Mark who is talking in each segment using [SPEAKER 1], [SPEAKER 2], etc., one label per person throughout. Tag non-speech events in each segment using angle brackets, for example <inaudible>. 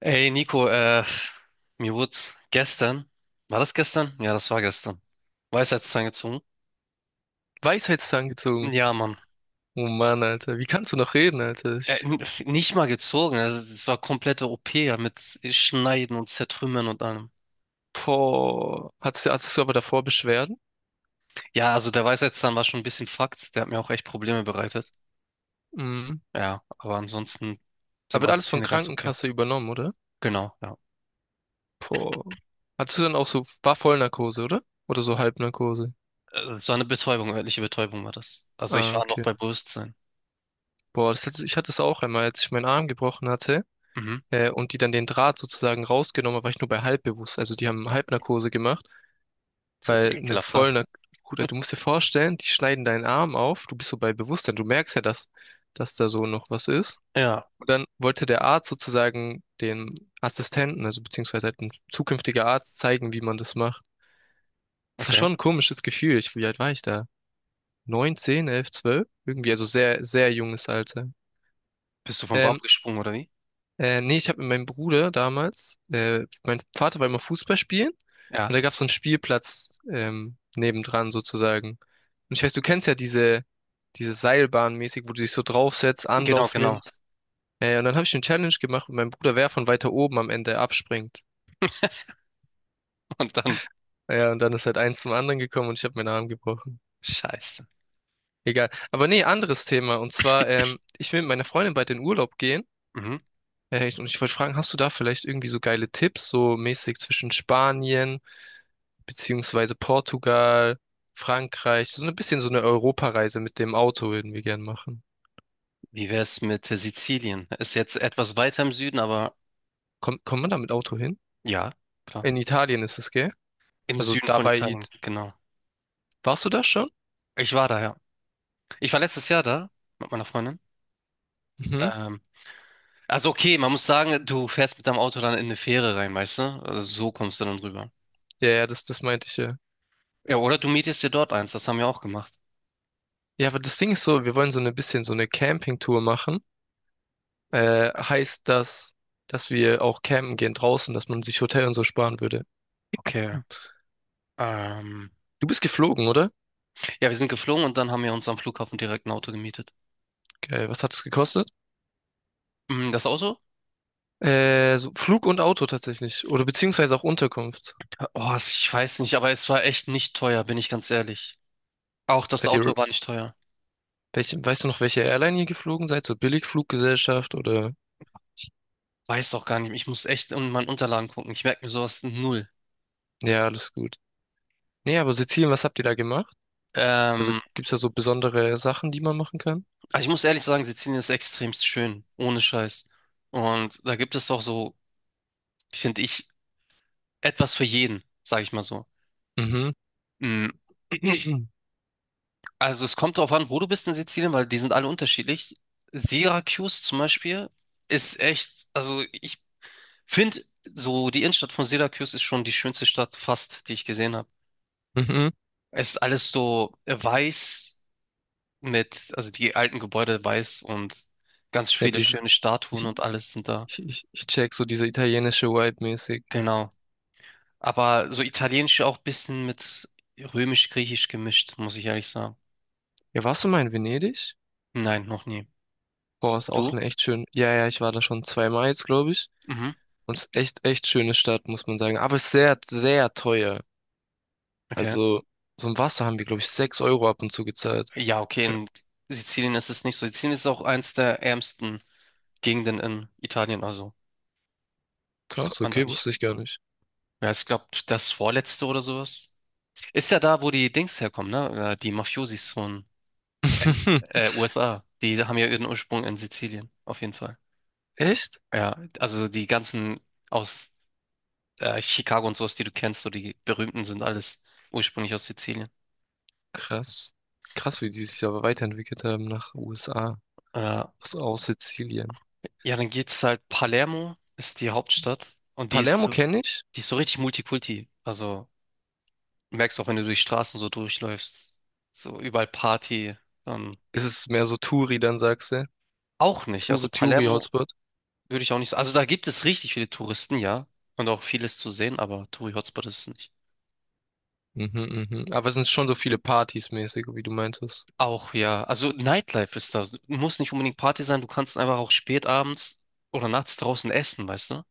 [SPEAKER 1] Ey Nico, mir wurde gestern, war das gestern? Ja, das war gestern. Weisheitszahn gezogen?
[SPEAKER 2] Weisheitszahn gezogen.
[SPEAKER 1] Ja, Mann.
[SPEAKER 2] Oh Mann, Alter. Wie kannst du noch reden, Alter?
[SPEAKER 1] Äh,
[SPEAKER 2] Ich,
[SPEAKER 1] n- Nicht mal gezogen, also es war komplette OP ja, mit Schneiden und Zertrümmern und allem.
[SPEAKER 2] boah. Hattest du aber davor Beschwerden?
[SPEAKER 1] Ja, also der Weisheitszahn war schon ein bisschen Fakt, der hat mir auch echt Probleme bereitet.
[SPEAKER 2] Mhm.
[SPEAKER 1] Ja, aber ansonsten sind
[SPEAKER 2] Aber wird
[SPEAKER 1] meine
[SPEAKER 2] alles von
[SPEAKER 1] Zähne ganz okay.
[SPEAKER 2] Krankenkasse übernommen, oder?
[SPEAKER 1] Genau, ja.
[SPEAKER 2] Boah. Hattest du dann auch so, war Vollnarkose, oder? Oder so Halbnarkose?
[SPEAKER 1] Es eine Betäubung, örtliche Betäubung war das. Also ich
[SPEAKER 2] Ah,
[SPEAKER 1] war noch
[SPEAKER 2] okay.
[SPEAKER 1] bei Bewusstsein.
[SPEAKER 2] Boah, ich hatte es auch einmal, als ich meinen Arm gebrochen hatte,
[SPEAKER 1] Mhm.
[SPEAKER 2] und die dann den Draht sozusagen rausgenommen haben, war ich nur bei halbbewusst. Also die haben Halbnarkose gemacht,
[SPEAKER 1] Das hört sich
[SPEAKER 2] weil eine
[SPEAKER 1] ekelhaft an.
[SPEAKER 2] Vollnarkose, Bruder, du musst dir vorstellen, die schneiden deinen Arm auf, du bist so bei Bewusstsein, du merkst ja, dass da so noch was ist.
[SPEAKER 1] Ja,
[SPEAKER 2] Und dann wollte der Arzt sozusagen dem Assistenten, also beziehungsweise halt ein zukünftiger Arzt, zeigen, wie man das macht. Das war
[SPEAKER 1] okay.
[SPEAKER 2] schon ein komisches Gefühl. Ich, wie alt war ich da? 9, 10, 11, 12. Irgendwie, also sehr, sehr junges Alter.
[SPEAKER 1] Bist du vom Baum
[SPEAKER 2] Ähm,
[SPEAKER 1] gesprungen oder wie?
[SPEAKER 2] Nee, ich habe mit meinem Bruder damals, mein Vater war immer Fußball spielen
[SPEAKER 1] Ja,
[SPEAKER 2] und da gab es so einen Spielplatz, nebendran sozusagen. Und ich weiß, du kennst ja diese Seilbahn mäßig, wo du dich so draufsetzt,
[SPEAKER 1] genau,
[SPEAKER 2] Anlauf
[SPEAKER 1] genau.
[SPEAKER 2] nimmst. Und dann habe ich eine Challenge gemacht mit meinem Bruder, wer von weiter oben am Ende abspringt.
[SPEAKER 1] Und dann,
[SPEAKER 2] Ja, und dann ist halt eins zum anderen gekommen und ich habe meinen Arm gebrochen.
[SPEAKER 1] scheiße.
[SPEAKER 2] Egal. Aber nee, anderes Thema. Und zwar, ich will mit meiner Freundin bald in Urlaub gehen.
[SPEAKER 1] Mhm.
[SPEAKER 2] Und ich wollte fragen, hast du da vielleicht irgendwie so geile Tipps, so mäßig zwischen Spanien, beziehungsweise Portugal, Frankreich? So ein bisschen so eine Europareise mit dem Auto würden wir gern machen.
[SPEAKER 1] Wie wär's mit Sizilien? Ist jetzt etwas weiter im Süden, aber
[SPEAKER 2] Kommt man da mit Auto hin?
[SPEAKER 1] ja, klar.
[SPEAKER 2] In Italien ist es, gell?
[SPEAKER 1] Im
[SPEAKER 2] Also
[SPEAKER 1] Süden von
[SPEAKER 2] dabei,
[SPEAKER 1] Italien,
[SPEAKER 2] It
[SPEAKER 1] genau.
[SPEAKER 2] warst du da schon?
[SPEAKER 1] Ich war da, ja. Ich war letztes Jahr da mit meiner Freundin.
[SPEAKER 2] Mhm.
[SPEAKER 1] Ähm, also okay, man muss sagen, du fährst mit deinem Auto dann in eine Fähre rein, weißt du? Also so kommst du dann rüber.
[SPEAKER 2] Ja, ja, das meinte ich ja.
[SPEAKER 1] Ja, oder du mietest dir dort eins, das haben wir auch gemacht.
[SPEAKER 2] Ja, aber das Ding ist so, wir wollen so ein bisschen so eine Campingtour machen. Heißt das, dass wir auch campen gehen draußen, dass man sich Hotel und so sparen würde.
[SPEAKER 1] Okay. Ähm,
[SPEAKER 2] Du bist geflogen, oder?
[SPEAKER 1] ja, wir sind geflogen und dann haben wir uns am Flughafen direkt ein Auto gemietet.
[SPEAKER 2] Geil, was hat es gekostet?
[SPEAKER 1] Mm, das Auto?
[SPEAKER 2] So Flug und Auto tatsächlich. Oder beziehungsweise auch Unterkunft.
[SPEAKER 1] Oh, ich weiß nicht, aber es war echt nicht teuer, bin ich ganz ehrlich. Auch das
[SPEAKER 2] Seid ihr,
[SPEAKER 1] Auto war nicht teuer.
[SPEAKER 2] Welche, weißt du noch, welche Airline ihr geflogen seid? So Billigfluggesellschaft oder?
[SPEAKER 1] Weiß auch gar nicht. Ich muss echt in meinen Unterlagen gucken. Ich merke mir sowas null.
[SPEAKER 2] Ja, alles gut. Nee, aber Sizilien, was habt ihr da gemacht? Also
[SPEAKER 1] Ähm,
[SPEAKER 2] gibt's da so besondere Sachen, die man machen kann?
[SPEAKER 1] aber ich muss ehrlich sagen, Sizilien ist extremst schön, ohne Scheiß. Und da gibt es doch so, finde ich, etwas für jeden, sage ich mal so.
[SPEAKER 2] Mhm.
[SPEAKER 1] Mm,
[SPEAKER 2] <clears throat>
[SPEAKER 1] also es kommt darauf an, wo du bist in Sizilien, weil die sind alle unterschiedlich. Syracuse zum Beispiel ist echt, also ich finde, so die Innenstadt von Syracuse ist schon die schönste Stadt fast, die ich gesehen habe.
[SPEAKER 2] Mhm.
[SPEAKER 1] Es ist alles so weiß. Mit, also die alten Gebäude weiß und ganz
[SPEAKER 2] Ja,
[SPEAKER 1] viele
[SPEAKER 2] dieses,
[SPEAKER 1] schöne Statuen
[SPEAKER 2] ich,
[SPEAKER 1] und alles sind da.
[SPEAKER 2] ich check so diese italienische Vibe mäßig.
[SPEAKER 1] Genau. Aber so italienisch auch ein bisschen mit römisch-griechisch gemischt, muss ich ehrlich sagen.
[SPEAKER 2] Ja, warst du mal in Venedig?
[SPEAKER 1] Nein, noch nie.
[SPEAKER 2] Boah, ist auch
[SPEAKER 1] Du?
[SPEAKER 2] eine echt schön. Ja, ja, ich war da schon zweimal jetzt, glaube ich.
[SPEAKER 1] Mhm.
[SPEAKER 2] Und es ist echt, echt schöne Stadt, muss man sagen. Aber es ist sehr, sehr teuer.
[SPEAKER 1] Okay.
[SPEAKER 2] Also, so ein Wasser haben wir, glaube ich, 6 Euro ab und zu gezahlt.
[SPEAKER 1] Ja, okay,
[SPEAKER 2] Für,
[SPEAKER 1] in Sizilien ist es nicht so. Sizilien ist auch eins der ärmsten Gegenden in Italien, also
[SPEAKER 2] Krass,
[SPEAKER 1] kommt man da
[SPEAKER 2] okay,
[SPEAKER 1] nicht.
[SPEAKER 2] wusste ich gar nicht.
[SPEAKER 1] Ja, ich glaube, das vorletzte oder sowas. Ist ja da, wo die Dings herkommen, ne? Die Mafiosis von
[SPEAKER 2] <laughs>
[SPEAKER 1] USA. Die haben ja ihren Ursprung in Sizilien, auf jeden Fall.
[SPEAKER 2] Echt?
[SPEAKER 1] Ja, also die ganzen aus Chicago und sowas, die du kennst, so die berühmten sind alles ursprünglich aus Sizilien.
[SPEAKER 2] Krass. Krass, wie die sich aber weiterentwickelt haben nach USA,
[SPEAKER 1] Äh,
[SPEAKER 2] aus Sizilien.
[SPEAKER 1] ja, dann geht's halt, Palermo ist die Hauptstadt und
[SPEAKER 2] Palermo kenne ich.
[SPEAKER 1] die ist so richtig Multikulti. Also merkst auch, wenn du durch Straßen so durchläufst, so überall Party. Ähm,
[SPEAKER 2] Ist es mehr so Touri, dann sagst du?
[SPEAKER 1] auch nicht. Also
[SPEAKER 2] Touri,
[SPEAKER 1] Palermo
[SPEAKER 2] Touri-Hotspot.
[SPEAKER 1] würde ich auch nicht. Also da gibt es richtig viele Touristen, ja, und auch vieles zu sehen, aber Touri-Hotspot ist es nicht.
[SPEAKER 2] Mhm, mhm. Aber es sind schon so viele Partys mäßig, wie du meintest.
[SPEAKER 1] Auch ja, also Nightlife ist da. Muss nicht unbedingt Party sein, du kannst einfach auch spät abends oder nachts draußen essen, weißt du?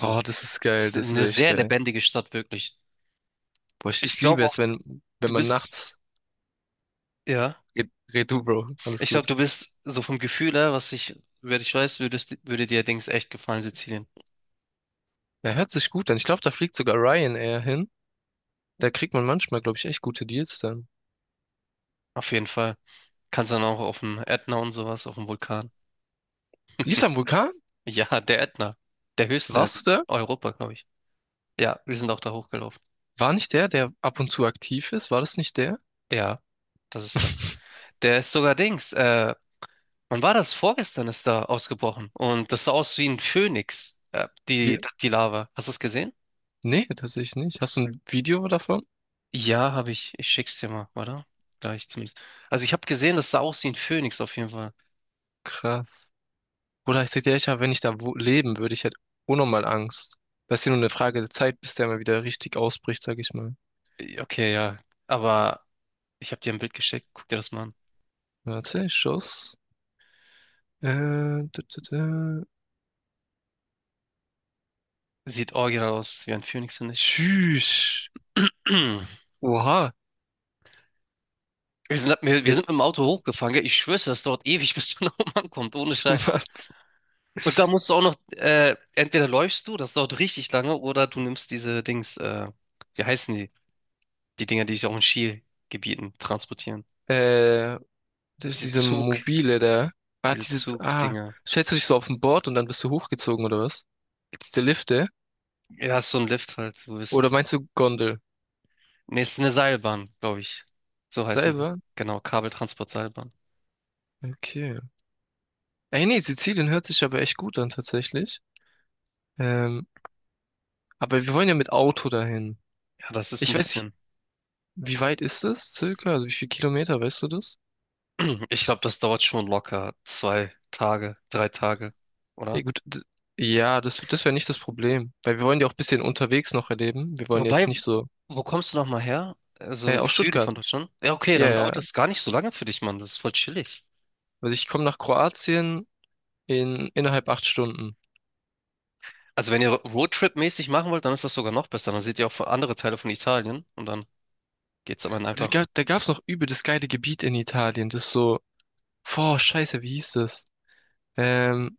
[SPEAKER 2] Oh, das ist
[SPEAKER 1] es
[SPEAKER 2] geil,
[SPEAKER 1] ist
[SPEAKER 2] das ist
[SPEAKER 1] eine
[SPEAKER 2] echt
[SPEAKER 1] sehr
[SPEAKER 2] geil.
[SPEAKER 1] lebendige Stadt, wirklich.
[SPEAKER 2] Boah,
[SPEAKER 1] Ich
[SPEAKER 2] ich liebe
[SPEAKER 1] glaube auch,
[SPEAKER 2] es, wenn
[SPEAKER 1] du
[SPEAKER 2] man
[SPEAKER 1] bist,
[SPEAKER 2] nachts.
[SPEAKER 1] ja,
[SPEAKER 2] Red du, Bro. Alles
[SPEAKER 1] ich glaube,
[SPEAKER 2] gut.
[SPEAKER 1] du bist so vom Gefühl her, was ich, wer ich weiß, würdest, würde dir Dings echt gefallen, Sizilien.
[SPEAKER 2] Ja, hört sich gut an. Ich glaube, da fliegt sogar Ryanair hin. Da kriegt man manchmal, glaube ich, echt gute Deals dann.
[SPEAKER 1] Auf jeden Fall. Kannst dann auch auf dem Ätna und sowas, auf dem Vulkan. <laughs>
[SPEAKER 2] Lief am Vulkan?
[SPEAKER 1] Ja, der Ätna. Der höchste in
[SPEAKER 2] Warst du da?
[SPEAKER 1] Europa, glaube ich. Ja, wir sind auch da hochgelaufen.
[SPEAKER 2] War nicht der, der ab und zu aktiv ist? War das nicht der?
[SPEAKER 1] Ja, das ist da.
[SPEAKER 2] <laughs>
[SPEAKER 1] Der ist sogar Dings. Wann war das? Vorgestern ist da ausgebrochen. Und das sah aus wie ein Phönix, die,
[SPEAKER 2] Wir,
[SPEAKER 1] die Lava. Hast du es gesehen?
[SPEAKER 2] Nee, tatsächlich nicht. Hast du ein Video davon?
[SPEAKER 1] Ja, habe ich. Ich schick's dir mal, oder? Gleich zumindest. Also ich habe gesehen, das sah aus wie ein Phönix auf jeden Fall.
[SPEAKER 2] Krass. Bruder, ich sag dir, ich hab, wenn ich da wo leben würde, ich hätte unnormal Angst. Das ist ja nur eine Frage der Zeit, bis der mal wieder richtig ausbricht, sag ich mal.
[SPEAKER 1] Okay, ja. Aber ich habe dir ein Bild geschickt. Guck dir das mal an.
[SPEAKER 2] Warte, Schuss. Äh, da, da.
[SPEAKER 1] Sieht original aus wie ein Phönix, finde ich.
[SPEAKER 2] Tschüss.
[SPEAKER 1] <clears throat>
[SPEAKER 2] Oha,
[SPEAKER 1] Wir sind, wir
[SPEAKER 2] der,
[SPEAKER 1] sind mit dem Auto hochgefahren, gell? Ich schwöre, das dauert ewig, <laughs> bis du nach oben ankommst, ohne
[SPEAKER 2] <laughs>
[SPEAKER 1] Scheiß.
[SPEAKER 2] was?
[SPEAKER 1] Und da musst du auch noch, entweder läufst du, das dauert richtig lange, oder du nimmst diese Dings, wie heißen die? Die Dinger, die sich auch in Skigebieten transportieren.
[SPEAKER 2] Äh,
[SPEAKER 1] Diese
[SPEAKER 2] diese
[SPEAKER 1] Zug,
[SPEAKER 2] mobile, der. Ah,
[SPEAKER 1] diese
[SPEAKER 2] diese, ah,
[SPEAKER 1] Zugdinger.
[SPEAKER 2] Stellst du dich so auf ein Board und dann bist du hochgezogen oder was? Diese Lifte?
[SPEAKER 1] Ja, ist so ein Lift halt, du
[SPEAKER 2] Oder
[SPEAKER 1] bist.
[SPEAKER 2] meinst du Gondel?
[SPEAKER 1] Nee, es ist eine Seilbahn, glaube ich. So heißen die.
[SPEAKER 2] Selber?
[SPEAKER 1] Genau, Kabeltransportseilbahn.
[SPEAKER 2] Okay. Ey, nee, Sizilien hört sich aber echt gut an, tatsächlich. Ähm, aber wir wollen ja mit Auto dahin.
[SPEAKER 1] Ja, das ist ein
[SPEAKER 2] Ich weiß nicht,
[SPEAKER 1] bisschen.
[SPEAKER 2] wie weit ist das circa? Also wie viel Kilometer, weißt du das?
[SPEAKER 1] <clears throat> Ich glaube, das dauert schon locker zwei Tage, drei Tage,
[SPEAKER 2] Ja,
[SPEAKER 1] oder?
[SPEAKER 2] gut. Ja, das wäre nicht das Problem. Weil wir wollen ja auch ein bisschen unterwegs noch erleben. Wir wollen jetzt
[SPEAKER 1] Wobei,
[SPEAKER 2] nicht so.
[SPEAKER 1] wo kommst du nochmal her? Also
[SPEAKER 2] Aus
[SPEAKER 1] Süden
[SPEAKER 2] Stuttgart.
[SPEAKER 1] von Deutschland? Ja, okay,
[SPEAKER 2] Ja,
[SPEAKER 1] dann dauert
[SPEAKER 2] ja,
[SPEAKER 1] das gar nicht so lange für dich, Mann. Das ist voll chillig.
[SPEAKER 2] also ich komme nach Kroatien in innerhalb 8 Stunden.
[SPEAKER 1] Also wenn ihr Roadtrip-mäßig machen wollt, dann ist das sogar noch besser. Dann seht ihr auch von- andere Teile von Italien und dann geht's am Ende
[SPEAKER 2] Da
[SPEAKER 1] einfach
[SPEAKER 2] gab, da gab's noch übel das geile Gebiet in Italien. Das ist so, boah, scheiße, wie hieß das? Ähm,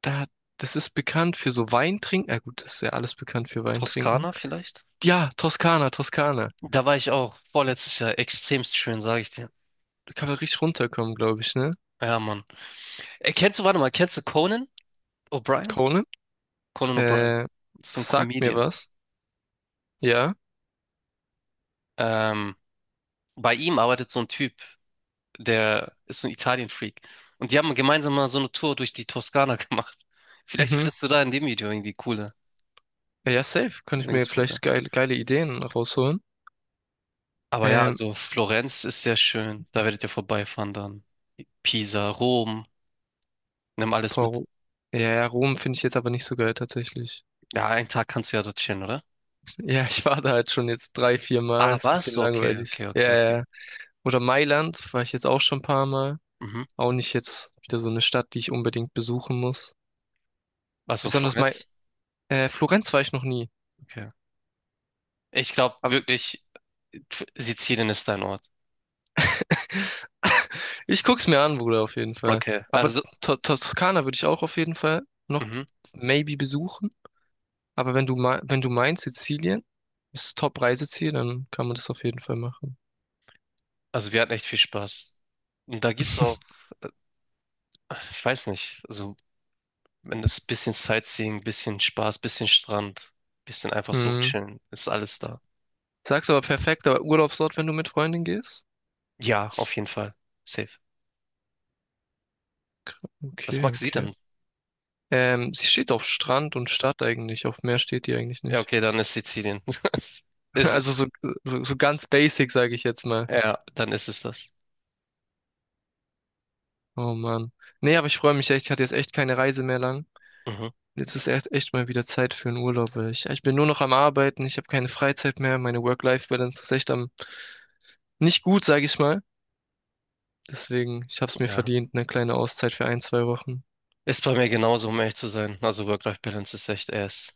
[SPEAKER 2] da, Das ist bekannt für so Weintrinken. Ja gut, das ist ja alles bekannt für Weintrinken.
[SPEAKER 1] Toskana vielleicht?
[SPEAKER 2] Ja, Toskana.
[SPEAKER 1] Da war ich auch vorletztes Jahr extremst schön, sage ich dir.
[SPEAKER 2] Da kann man richtig runterkommen, glaube ich, ne?
[SPEAKER 1] Ja, Mann. Kennst du, warte mal, kennst du Conan O'Brien?
[SPEAKER 2] Krone?
[SPEAKER 1] Conan O'Brien
[SPEAKER 2] Äh,
[SPEAKER 1] ist so ein
[SPEAKER 2] Sagt mir
[SPEAKER 1] Comedian.
[SPEAKER 2] was. Ja.
[SPEAKER 1] Ähm, bei ihm arbeitet so ein Typ, der ist so ein Italien-Freak. Und die haben gemeinsam mal so eine Tour durch die Toskana <laughs> gemacht. Vielleicht
[SPEAKER 2] Mhm.
[SPEAKER 1] findest du da in dem Video irgendwie coole
[SPEAKER 2] Ja, safe. Kann ich mir
[SPEAKER 1] Linkspunkte.
[SPEAKER 2] vielleicht geile, geile Ideen rausholen.
[SPEAKER 1] Aber ja,
[SPEAKER 2] Ähm,
[SPEAKER 1] also Florenz ist sehr schön. Da werdet ihr vorbeifahren dann. Pisa, Rom, nimm alles
[SPEAKER 2] boah,
[SPEAKER 1] mit.
[SPEAKER 2] Ro- ja, ja, Rom finde ich jetzt aber nicht so geil tatsächlich.
[SPEAKER 1] Ja, einen Tag kannst du ja dort chillen, oder?
[SPEAKER 2] Ja, ich war da halt schon jetzt drei, vier Mal.
[SPEAKER 1] Ah,
[SPEAKER 2] Ist ein
[SPEAKER 1] was?
[SPEAKER 2] bisschen
[SPEAKER 1] Okay,
[SPEAKER 2] langweilig.
[SPEAKER 1] okay,
[SPEAKER 2] Ja,
[SPEAKER 1] okay, okay.
[SPEAKER 2] ja. ja. Oder Mailand war ich jetzt auch schon ein paar Mal.
[SPEAKER 1] Mhm.
[SPEAKER 2] Auch nicht jetzt wieder so eine Stadt, die ich unbedingt besuchen muss.
[SPEAKER 1] Also
[SPEAKER 2] Besonders Mai
[SPEAKER 1] Florenz?
[SPEAKER 2] Florenz war ich noch nie.
[SPEAKER 1] Okay. Ich glaube
[SPEAKER 2] Aber
[SPEAKER 1] wirklich, Sizilien ist dein Ort.
[SPEAKER 2] <laughs> ich guck's mir an, Bruder, auf jeden Fall.
[SPEAKER 1] Okay.
[SPEAKER 2] Aber
[SPEAKER 1] Also,
[SPEAKER 2] To- Toskana würde ich auch auf jeden Fall noch
[SPEAKER 1] mhm.
[SPEAKER 2] maybe besuchen. Aber wenn du meinst, Sizilien ist Top-Reiseziel, dann kann man das auf jeden Fall machen.
[SPEAKER 1] Also wir hatten echt viel Spaß. Und da gibt's auch,
[SPEAKER 2] <laughs>
[SPEAKER 1] äh, ich weiß nicht, also wenn es ein bisschen Sightseeing, bisschen Spaß, bisschen Strand, bisschen einfach so
[SPEAKER 2] Mhm.
[SPEAKER 1] chillen, ist alles da.
[SPEAKER 2] Sagst aber perfekt, aber Urlaubsort, wenn du mit Freundin gehst?
[SPEAKER 1] Ja, auf jeden Fall. Safe. Was
[SPEAKER 2] Okay,
[SPEAKER 1] magst du
[SPEAKER 2] okay.
[SPEAKER 1] denn?
[SPEAKER 2] Sie steht auf Strand und Stadt eigentlich. Auf Meer steht die eigentlich
[SPEAKER 1] Ja,
[SPEAKER 2] nicht.
[SPEAKER 1] okay, dann ist Sizilien. <laughs>
[SPEAKER 2] <laughs>
[SPEAKER 1] Ist
[SPEAKER 2] Also so,
[SPEAKER 1] es.
[SPEAKER 2] so ganz basic, sage ich jetzt mal.
[SPEAKER 1] Ja, dann ist es das.
[SPEAKER 2] Oh Mann. Nee, aber ich freue mich echt. Ich hatte jetzt echt keine Reise mehr lang.
[SPEAKER 1] Mhm.
[SPEAKER 2] Jetzt ist echt, echt mal wieder Zeit für einen Urlaub. Weil ich bin nur noch am Arbeiten. Ich habe keine Freizeit mehr. Meine Work-Life-Balance ist echt am nicht gut, sage ich mal. Deswegen, ich habe es mir
[SPEAKER 1] Ja.
[SPEAKER 2] verdient, eine kleine Auszeit für ein, zwei Wochen.
[SPEAKER 1] Ist bei mir genauso, um ehrlich zu sein. Also Work-Life-Balance ist echt ass.